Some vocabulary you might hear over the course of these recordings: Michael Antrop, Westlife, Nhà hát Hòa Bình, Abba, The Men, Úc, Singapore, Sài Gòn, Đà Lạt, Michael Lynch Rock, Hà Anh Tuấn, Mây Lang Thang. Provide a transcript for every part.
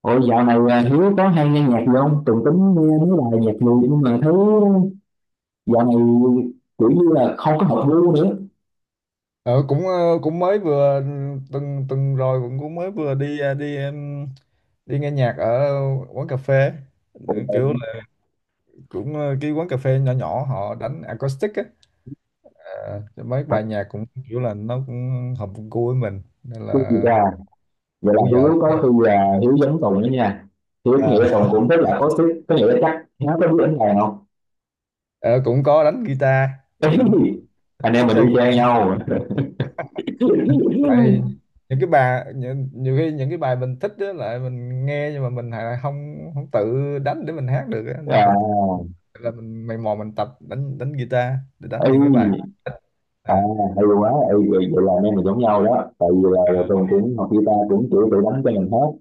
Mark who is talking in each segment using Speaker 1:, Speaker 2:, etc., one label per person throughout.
Speaker 1: Ôi, dạo này Hiếu có hay nghe nhạc gì không? Tùng tính nghe mấy bài nhạc gì nhưng mà thấy dạo này kiểu như là không có hợp gu nữa.
Speaker 2: Cũng mới vừa tuần tuần rồi cũng cũng mới vừa đi ờ, đi em, đi nghe nhạc ở quán cà phê.
Speaker 1: Ủa vậy
Speaker 2: Kiểu
Speaker 1: hả?
Speaker 2: là cái quán cà phê nhỏ nhỏ họ đánh acoustic á. Thì mấy
Speaker 1: Hợp
Speaker 2: bài nhạc cũng kiểu là nó cũng hợp gu với mình nên
Speaker 1: gu gì
Speaker 2: là
Speaker 1: ra? Vậy là
Speaker 2: rủ vợ
Speaker 1: Hiếu
Speaker 2: đi.
Speaker 1: có khi là Hiếu giống Tùng đó nha. Hiếu có
Speaker 2: Ờ,
Speaker 1: nghĩa là Tùng cũng rất là có sức, có nghĩa là chắc nó có biết đánh đàn không?
Speaker 2: ờ, Cũng có đánh guitar, đánh,
Speaker 1: Anh em
Speaker 2: thích
Speaker 1: mình đi
Speaker 2: chơi,
Speaker 1: chơi nhau.
Speaker 2: tại những cái bài nhiều khi những cái bài mình thích á lại mình nghe nhưng mà mình lại không không tự đánh để mình hát được á, nên
Speaker 1: À,
Speaker 2: phải là mình mày mò mình tập đánh đánh guitar để đánh
Speaker 1: ấy,
Speaker 2: những cái bài
Speaker 1: à,
Speaker 2: à.
Speaker 1: hay quá, ấy, vậy vậy là anh em mình giống nhau đó. Tại vì là Tùng cũng học guitar cũng kiểu tự đánh cho mình hết.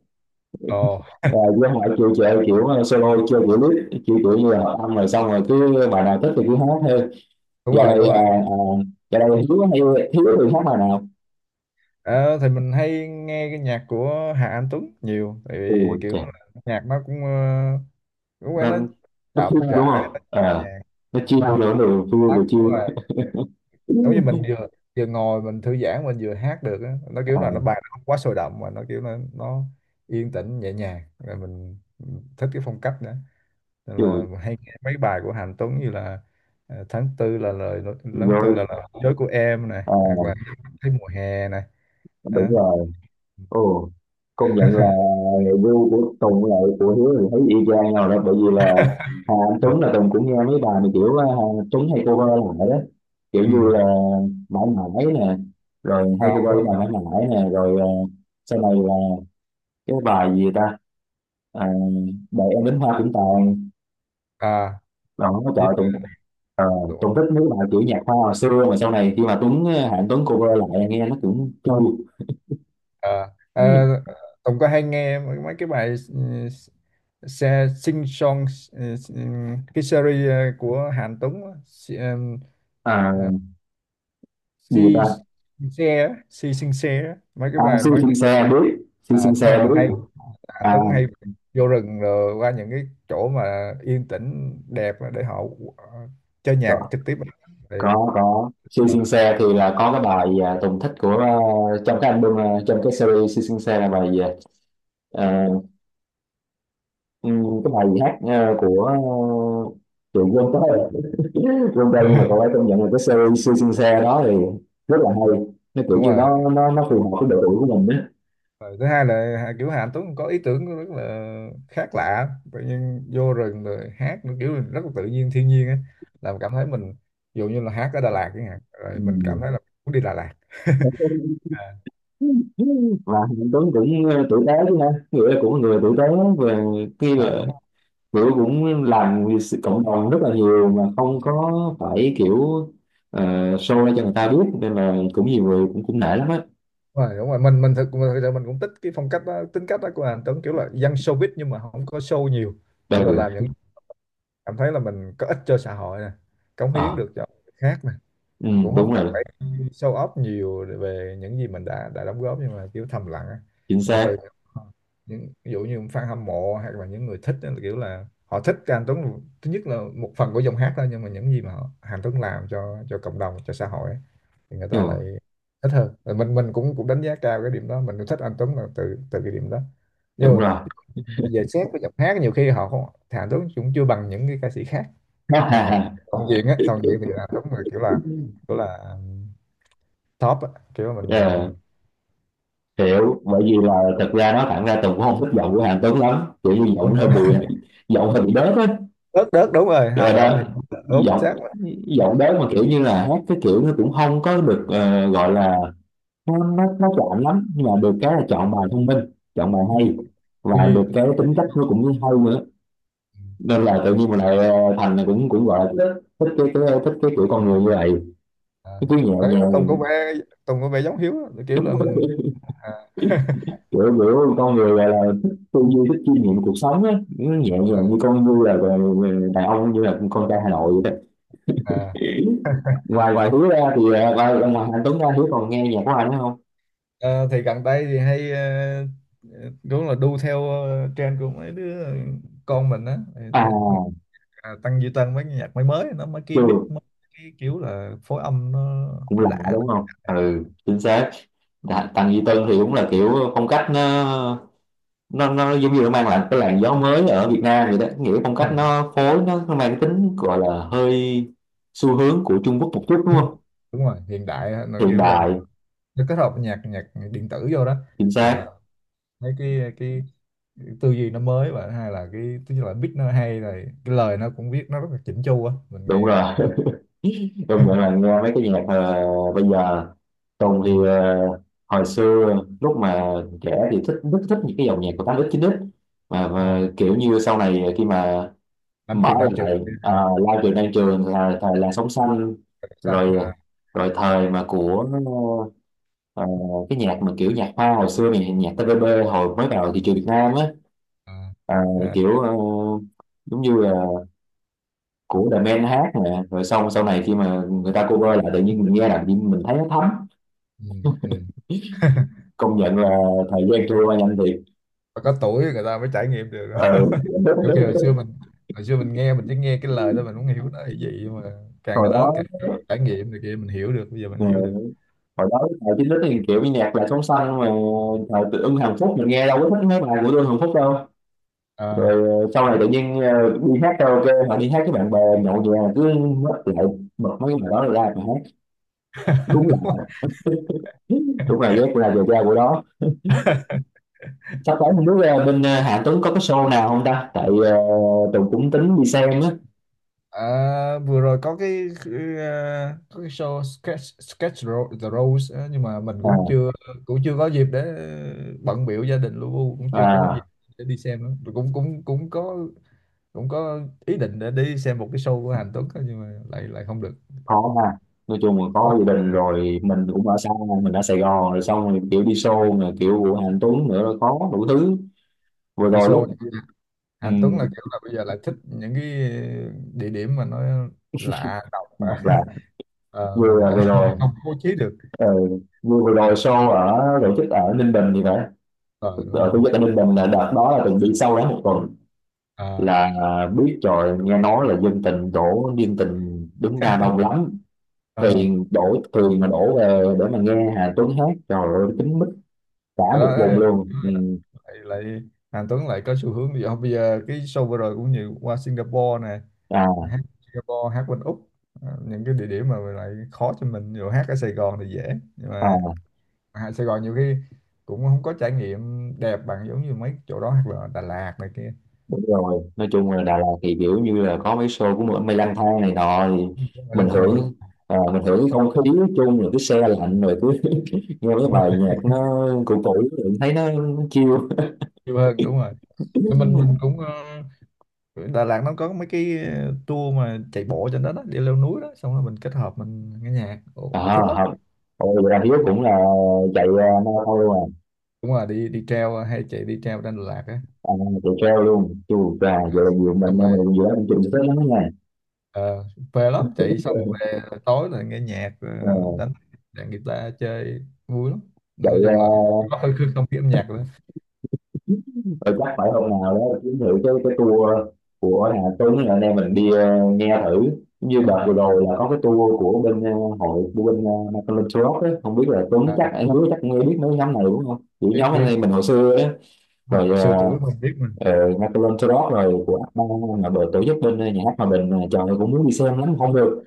Speaker 2: Ồ,
Speaker 1: Rồi với họ chịu chệ kiểu solo chơi kiểu lít chịu kiểu như là âm rồi xong rồi cứ bài nào thích thì cứ hát thôi.
Speaker 2: đúng
Speaker 1: Giờ
Speaker 2: rồi,
Speaker 1: này
Speaker 2: đúng rồi.
Speaker 1: giờ này hiếu hay hiếu thì hát bài nào?
Speaker 2: Ờ, thì mình hay nghe cái nhạc của Hà Anh Tuấn nhiều, tại vì
Speaker 1: Ôi
Speaker 2: kiểu
Speaker 1: trời,
Speaker 2: nhạc nó cũng quen, nó
Speaker 1: nên nó
Speaker 2: chậm
Speaker 1: phun đúng
Speaker 2: rãi
Speaker 1: không
Speaker 2: nè,
Speaker 1: à, nó chiêu
Speaker 2: nó
Speaker 1: nữa rồi phun vừa chiêu.
Speaker 2: giống như mình vừa vừa ngồi mình thư giãn mình vừa hát được á, nó kiểu là nó
Speaker 1: À,
Speaker 2: bài nó không quá sôi động mà nó kiểu nó yên tĩnh nhẹ nhàng, rồi mình thích cái phong cách nữa, nên là
Speaker 1: chiều
Speaker 2: mình hay nghe mấy bài của Hạnh Tuấn như là tháng tư là tháng tư
Speaker 1: rồi.
Speaker 2: là lời nói dối của em này,
Speaker 1: À,
Speaker 2: hoặc là thấy mùa hè này
Speaker 1: đúng
Speaker 2: đó.
Speaker 1: rồi. Ồ, công nhận là view của Tùng là của Hiếu thì thấy y chang nhau đó, bởi vì là Hà Anh Tuấn là Tùng cũng nghe mấy bài mà kiểu Hà Anh Tuấn hay cover lại đó, kiểu như
Speaker 2: Ừ,
Speaker 1: là mãi mãi nè, rồi hay
Speaker 2: à, đúng rồi,
Speaker 1: cover bài mãi mãi nè, rồi sau này là cái bài gì ta, à, đợi em đến hoa cũng tàn
Speaker 2: à,
Speaker 1: đó. Trời ơi, Tùng, ờ,
Speaker 2: với.
Speaker 1: Tùng thích mấy bài kiểu nhạc hoa hồi xưa mà sau này khi mà Tuấn à, Hà Anh Tuấn cover lại nghe nó cũng trôi.
Speaker 2: Ờ, ờ, Tùng có hay nghe mấy mấy cái bài xe sing song, ừ, ừ, cái series của Hàn Tuấn á,
Speaker 1: À,
Speaker 2: ờ,
Speaker 1: gì
Speaker 2: si
Speaker 1: ta,
Speaker 2: Sing xe á, si sing xe á. Mấy cái
Speaker 1: à,
Speaker 2: bài,
Speaker 1: siêu
Speaker 2: mấy
Speaker 1: xin
Speaker 2: cái,
Speaker 1: xe biết, siêu
Speaker 2: à,
Speaker 1: xin
Speaker 2: đúng
Speaker 1: xe
Speaker 2: rồi, hay
Speaker 1: biết.
Speaker 2: Hàn
Speaker 1: À,
Speaker 2: Tuấn hay vô rừng rồi qua những cái chỗ mà yên tĩnh đẹp á để họ ờ, chơi nhạc
Speaker 1: có,
Speaker 2: trực tiếp. Thì,
Speaker 1: có siêu
Speaker 2: ờ,
Speaker 1: siêu xe thì là có cái bài à, Tùng thích của à, trong cái album à, trong cái series siêu siêu xe là bài gì à, cái bài gì hát à, của à, chị quên tới rồi. Quên tên nhưng mà cậu ấy công nhận là cái series siêu siêu xe đó thì rất là hay, nó kiểu
Speaker 2: đúng
Speaker 1: như
Speaker 2: rồi.
Speaker 1: nó phù hợp với độ tuổi của mình đó.
Speaker 2: Rồi thứ hai là kiểu Hà Anh Tuấn có ý tưởng rất là khác lạ, tự nhiên vô rừng rồi hát, nó kiểu rất là tự nhiên, thiên nhiên á, làm cảm thấy mình, ví dụ như là hát ở Đà Lạt chẳng hạn, rồi mình cảm
Speaker 1: Ừm.
Speaker 2: thấy là muốn đi Đà Lạt à,
Speaker 1: Và Hạnh Tuấn cũng tử tế chứ ha, nghĩa là cũng là người tử tế, về khi
Speaker 2: rồi,
Speaker 1: là
Speaker 2: đúng
Speaker 1: kiểu cũng làm vì sự cộng đồng rất là nhiều mà không có phải kiểu, ờ, show ra cho người ta biết, nên là cũng nhiều người cũng cũng nể lắm á.
Speaker 2: rồi, đúng rồi, thực sự mình cũng thích cái phong cách đó, tính cách đó của Hà Anh Tuấn, kiểu là dân showbiz nhưng mà không có show nhiều, kiểu là làm
Speaker 1: Ừ.
Speaker 2: những cảm thấy là mình có ích cho xã hội nè, cống hiến
Speaker 1: Ờ,
Speaker 2: được cho người khác,
Speaker 1: ừ,
Speaker 2: cũng không
Speaker 1: đúng
Speaker 2: cần
Speaker 1: rồi,
Speaker 2: phải show off nhiều về những gì mình đã đóng góp nhưng mà kiểu thầm lặng á,
Speaker 1: chính
Speaker 2: nhưng mà
Speaker 1: xác,
Speaker 2: từ những ví dụ như fan hâm mộ hoặc là những người thích á, kiểu là họ thích cái anh Tuấn, thứ nhất là một phần của giọng hát thôi, nhưng mà những gì mà họ, Anh Tuấn làm cho cộng đồng, cho xã hội á, thì người ta lại
Speaker 1: ừ,
Speaker 2: thích hơn. Rồi mình cũng cũng đánh giá cao cái điểm đó, mình cũng thích anh Tuấn là từ từ cái điểm đó, nhưng
Speaker 1: đúng
Speaker 2: mà
Speaker 1: rồi.
Speaker 2: về xét cái giọng hát nhiều khi họ không, thì Tuấn cũng chưa bằng những cái ca sĩ khác, nhưng mà toàn diện á, toàn diện thì là đúng, là kiểu là kiểu là top á, kiểu là mình
Speaker 1: Ờ, hiểu, bởi vì là thật ra nó thẳng ra Tùng cũng không thích giọng của Hàn Tuấn lắm, kiểu như giọng
Speaker 2: đúng,
Speaker 1: nó hơi
Speaker 2: đúng,
Speaker 1: bị, giọng hơi bị đớt á.
Speaker 2: đớt đớt đúng rồi,
Speaker 1: Rồi
Speaker 2: hào giọng
Speaker 1: đó,
Speaker 2: thì đúng, chính
Speaker 1: giọng,
Speaker 2: xác là đúng,
Speaker 1: giọng đớt mà kiểu như là hát cái kiểu nó cũng không có được gọi là, nó chọn lắm, nhưng mà được cái là chọn bài thông minh, chọn bài hay,
Speaker 2: tư
Speaker 1: và
Speaker 2: duy,
Speaker 1: được cái tính cách nó cũng hay nữa, nên là tự nhiên mình lại thành này cũng cũng gọi là thích cái kiểu con người như vậy,
Speaker 2: à,
Speaker 1: cái kiểu
Speaker 2: đấy,
Speaker 1: nhẹ nhàng,
Speaker 2: không có vẻ giống Hiếu á, kiểu
Speaker 1: thích
Speaker 2: là mình
Speaker 1: cái
Speaker 2: à,
Speaker 1: kiểu kiểu con người gọi là thích tư duy, thích chiêm nghiệm cuộc sống á, nhẹ nhàng như
Speaker 2: mà-
Speaker 1: con, như là đàn ông, như là con trai Hà Nội vậy
Speaker 2: à.
Speaker 1: đó. Ngoài ngoài Hiếu ra thì ngoài ngoài Anh Tuấn ra Hiếu còn nghe nhạc của anh nữa không?
Speaker 2: Ờ, thì gần đây thì hay đúng là đu theo trend của mấy đứa con mình á.
Speaker 1: À,
Speaker 2: Tăng Duy Tân mấy cái nhạc mới mới nó, mấy cái
Speaker 1: chưa,
Speaker 2: beat mới, cái kiểu là phối âm nó
Speaker 1: cũng lạ
Speaker 2: lạ.
Speaker 1: đúng không? Ừ, chính xác. Tầng Duy Tân thì đúng là kiểu phong cách nó giống như nó mang lại cái làn gió mới ở Việt Nam vậy đó, nghĩa phong cách nó phối nó mang tính gọi là hơi xu hướng của Trung Quốc một chút đúng
Speaker 2: Ừ,
Speaker 1: không?
Speaker 2: đúng rồi, hiện đại á, nó
Speaker 1: Hiện
Speaker 2: kiểu là
Speaker 1: đại,
Speaker 2: nó kết hợp nhạc nhạc điện tử vô đó,
Speaker 1: chính
Speaker 2: mình làm
Speaker 1: xác,
Speaker 2: mấy cái tư duy nó mới, và hay là cái tức là beat nó hay, rồi cái lời nó cũng viết nó rất là chỉnh chu á, mình
Speaker 1: đúng
Speaker 2: nghe mà
Speaker 1: rồi.
Speaker 2: mình,
Speaker 1: Công nhận là nghe mấy cái nhạc bây giờ, Tùng
Speaker 2: ừ,
Speaker 1: thì hồi xưa lúc mà trẻ thì thích, rất thích những cái dòng nhạc của 8x 9x
Speaker 2: à,
Speaker 1: mà kiểu như sau này khi mà
Speaker 2: năm trường
Speaker 1: bỏ
Speaker 2: đang trường này
Speaker 1: lại
Speaker 2: kia,
Speaker 1: à, lao trường đang trường là thời làn sóng xanh,
Speaker 2: trời xanh
Speaker 1: rồi
Speaker 2: à,
Speaker 1: rồi thời mà của ờ, cái nhạc mà kiểu nhạc hoa hồi xưa này, nhạc TVB hồi mới vào thị trường Việt Nam á,
Speaker 2: à,
Speaker 1: ờ,
Speaker 2: à,
Speaker 1: kiểu giống như là của The Men hát nè, rồi xong sau này khi mà người ta cover lại tự nhiên mình nghe là mình thấy nó thấm.
Speaker 2: ừ, ừ.
Speaker 1: Công nhận là thời gian trôi qua nhanh thiệt.
Speaker 2: Và có tuổi người ta mới trải nghiệm được đó.
Speaker 1: Ừ.
Speaker 2: Kiểu kia hồi xưa mình, hồi xưa mình nghe mình chỉ nghe cái lời thôi, mình không hiểu nó là gì, nhưng mà càng
Speaker 1: Hồi
Speaker 2: lớn
Speaker 1: đó
Speaker 2: càng trải nghiệm thì kia mình hiểu được, bây giờ mình
Speaker 1: ờ,
Speaker 2: hiểu được
Speaker 1: hồi đó thời chín thì kiểu như nhạc là sóng xanh mà, thời tự ưng Hàn Phúc mình nghe đâu có thích mấy bài của tôi Hàn Phúc đâu. Rồi
Speaker 2: à.
Speaker 1: sau này tự nhiên đi hát karaoke hoặc đi hát với bạn bè nhậu nhẹt cứ mất lại bật mấy cái bài đó ra mà hát. Đúng là, đúng là ghét là giờ ra của đó. Sắp tới không biết bên Hà Tuấn có cái show nào không ta, tại Tùng cũng tính đi xem á.
Speaker 2: À, vừa rồi có cái có cái show sketch sketch the Rose á, nhưng mà mình cũng
Speaker 1: À,
Speaker 2: chưa có dịp để bận biểu gia đình lu bu, cũng chưa có dịp
Speaker 1: à,
Speaker 2: để đi xem á. Rồi cũng cũng cũng có cũng có ý định để đi xem một cái show của Hàn Tuấn á, nhưng mà lại lại không được
Speaker 1: khó ha, nói chung là có
Speaker 2: có.
Speaker 1: gia đình rồi mình cũng ở xa, mình ở Sài Gòn rồi xong rồi kiểu đi show rồi kiểu của Hà Tuấn nữa là có đủ thứ. Vừa
Speaker 2: Tại
Speaker 1: rồi
Speaker 2: show
Speaker 1: lúc
Speaker 2: này,
Speaker 1: ừ,
Speaker 2: Hàn Tuấn là kiểu là bây giờ lại thích những cái địa điểm mà nó lạ độc.
Speaker 1: hoặc là
Speaker 2: Ờ, mình
Speaker 1: vừa
Speaker 2: lại
Speaker 1: vừa rồi
Speaker 2: không bố trí được,
Speaker 1: ờ, vừa vừa rồi show ở tổ chức ở Ninh Bình thì phải,
Speaker 2: ờ đúng
Speaker 1: ở Thủ
Speaker 2: rồi,
Speaker 1: Dầu, tại Ninh Bình là đợt đó là từng đi sâu đó một tuần
Speaker 2: à,
Speaker 1: là biết rồi, nghe nói là dân tình đổ, dân tình đứng ra đông lắm,
Speaker 2: à,
Speaker 1: thuyền đổ thuyền mà đổ về để mà nghe Hà Tuấn hát, trời ơi, kín mít cả
Speaker 2: đó,
Speaker 1: một vùng luôn. Ừ.
Speaker 2: lại lại Hà Tuấn lại có xu hướng đi học bây giờ, cái show vừa rồi cũng nhiều, qua Singapore nè,
Speaker 1: À,
Speaker 2: hát Singapore, hát bên Úc. Ờ, những cái địa điểm mà lại khó cho mình, rồi hát ở Sài Gòn thì dễ, nhưng mà
Speaker 1: à,
Speaker 2: hát Sài Gòn nhiều khi cũng không có trải nghiệm đẹp bằng, giống như mấy chỗ đó hoặc là Đà Lạt này kia.
Speaker 1: đúng rồi, nói chung là Đà Lạt thì kiểu như là có mấy show của Mây Lang Thang này nọ thì
Speaker 2: Cũng là
Speaker 1: mình
Speaker 2: lang thang đúng,
Speaker 1: hưởng, à, mình hưởng cái không khí nói chung, rồi cái xe lạnh rồi cứ nghe cái
Speaker 2: đúng rồi,
Speaker 1: bài nhạc nó cũ cũ rồi thấy nó chill.
Speaker 2: nhiều hơn, đúng rồi, mình Đà Lạt nó có mấy cái tour mà chạy bộ trên đó đó, đi leo núi đó, xong rồi mình kết hợp mình nghe nhạc. Ồ,
Speaker 1: À
Speaker 2: thích lắm,
Speaker 1: học. Ôi, vậy là Hiếu cũng là chạy marathon luôn à?
Speaker 2: đúng rồi, đi đi treo hay chạy, đi treo trên Đà Lạt á.
Speaker 1: À, chạy trail luôn chứ. À,
Speaker 2: Ờ,
Speaker 1: vậy là nhiều
Speaker 2: Xong
Speaker 1: mình em
Speaker 2: rồi
Speaker 1: mình giữa anh chịu sức lắm nha.
Speaker 2: ờ, phê lắm, chạy xong về tối là nghe nhạc,
Speaker 1: Ờ,
Speaker 2: đánh đàn guitar chơi vui lắm,
Speaker 1: chạy
Speaker 2: nói chung là có không khí âm nhạc nữa,
Speaker 1: chắc phải hôm nào đó kiếm thử cái tour của Hà Tuấn là anh em mình đi nghe thử, như
Speaker 2: đúng
Speaker 1: đợt vừa
Speaker 2: rồi,
Speaker 1: rồi là có cái tour của bên hội của bên Michael Lynch Rock á, không biết là Tuấn,
Speaker 2: à,
Speaker 1: chắc anh Hiếu chắc nghe biết mấy nhóm này đúng không, kiểu
Speaker 2: biết
Speaker 1: nhóm anh
Speaker 2: biết,
Speaker 1: em mình hồi xưa á,
Speaker 2: mà
Speaker 1: rồi
Speaker 2: xưa tuổi mình biết mình,
Speaker 1: Ờ, Michael Antrop rồi của Abba là đội tổ chức bên nhà hát Hòa Bình này, trời ơi, cũng muốn đi xem lắm không được,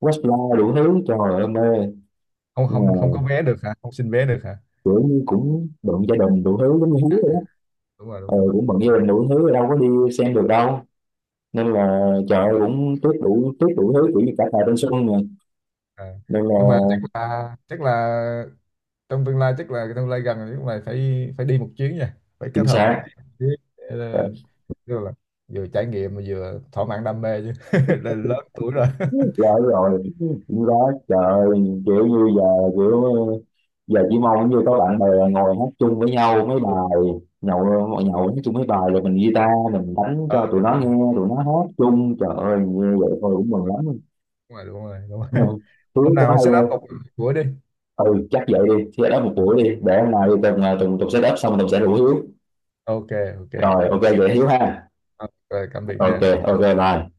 Speaker 1: Westlife đủ thứ, trời ơi mê,
Speaker 2: không
Speaker 1: nhưng mà
Speaker 2: không không có vé được hả, không xin vé được hả,
Speaker 1: kiểu như cũng bận gia đình đủ thứ giống như Hiếu ấy.
Speaker 2: đúng rồi, đúng
Speaker 1: Ờ, cũng
Speaker 2: rồi,
Speaker 1: bận gia đình đủ thứ đâu có đi xem được đâu, nên là trời ơi, cũng tiếc, đủ tiếc đủ thứ kiểu như cả thời thanh xuân mà,
Speaker 2: à.
Speaker 1: nên là
Speaker 2: Nhưng mà chắc là trong tương lai, chắc là tương lai gần nhưng mày phải phải đi một chuyến nha, phải
Speaker 1: chính
Speaker 2: kết hợp
Speaker 1: xác.
Speaker 2: đi một chuyến để,
Speaker 1: Ờ,
Speaker 2: tức là vừa trải nghiệm mà vừa thỏa mãn đam mê chứ. Là lớn tuổi rồi.
Speaker 1: rồi rồi, cũng đó trời, kiểu như giờ kiểu, giờ chỉ mong như có bạn bè ngồi hát chung với nhau mấy
Speaker 2: Đúng.
Speaker 1: bài, nhậu, nhậu hát chung mấy bài rồi mình guitar mình đánh
Speaker 2: Ờ,
Speaker 1: cho tụi
Speaker 2: đúng
Speaker 1: nó
Speaker 2: rồi
Speaker 1: nghe tụi nó hát chung, trời ơi, như vậy thôi cũng mừng lắm.
Speaker 2: đúng rồi đúng rồi đúng rồi. Hôm
Speaker 1: Hiếu
Speaker 2: nào
Speaker 1: có
Speaker 2: mà
Speaker 1: hay
Speaker 2: set up
Speaker 1: không?
Speaker 2: cục cuối đi,
Speaker 1: Ừ chắc vậy đi, set up một buổi đi, để hôm nay tùng tùng tùng set up xong tùng sẽ rủ Hiếu.
Speaker 2: ok, ok,
Speaker 1: Rồi ok
Speaker 2: ok,
Speaker 1: vậy Hiếu ha.
Speaker 2: ok. Cảm biệt
Speaker 1: Ok
Speaker 2: nha.
Speaker 1: ok bye.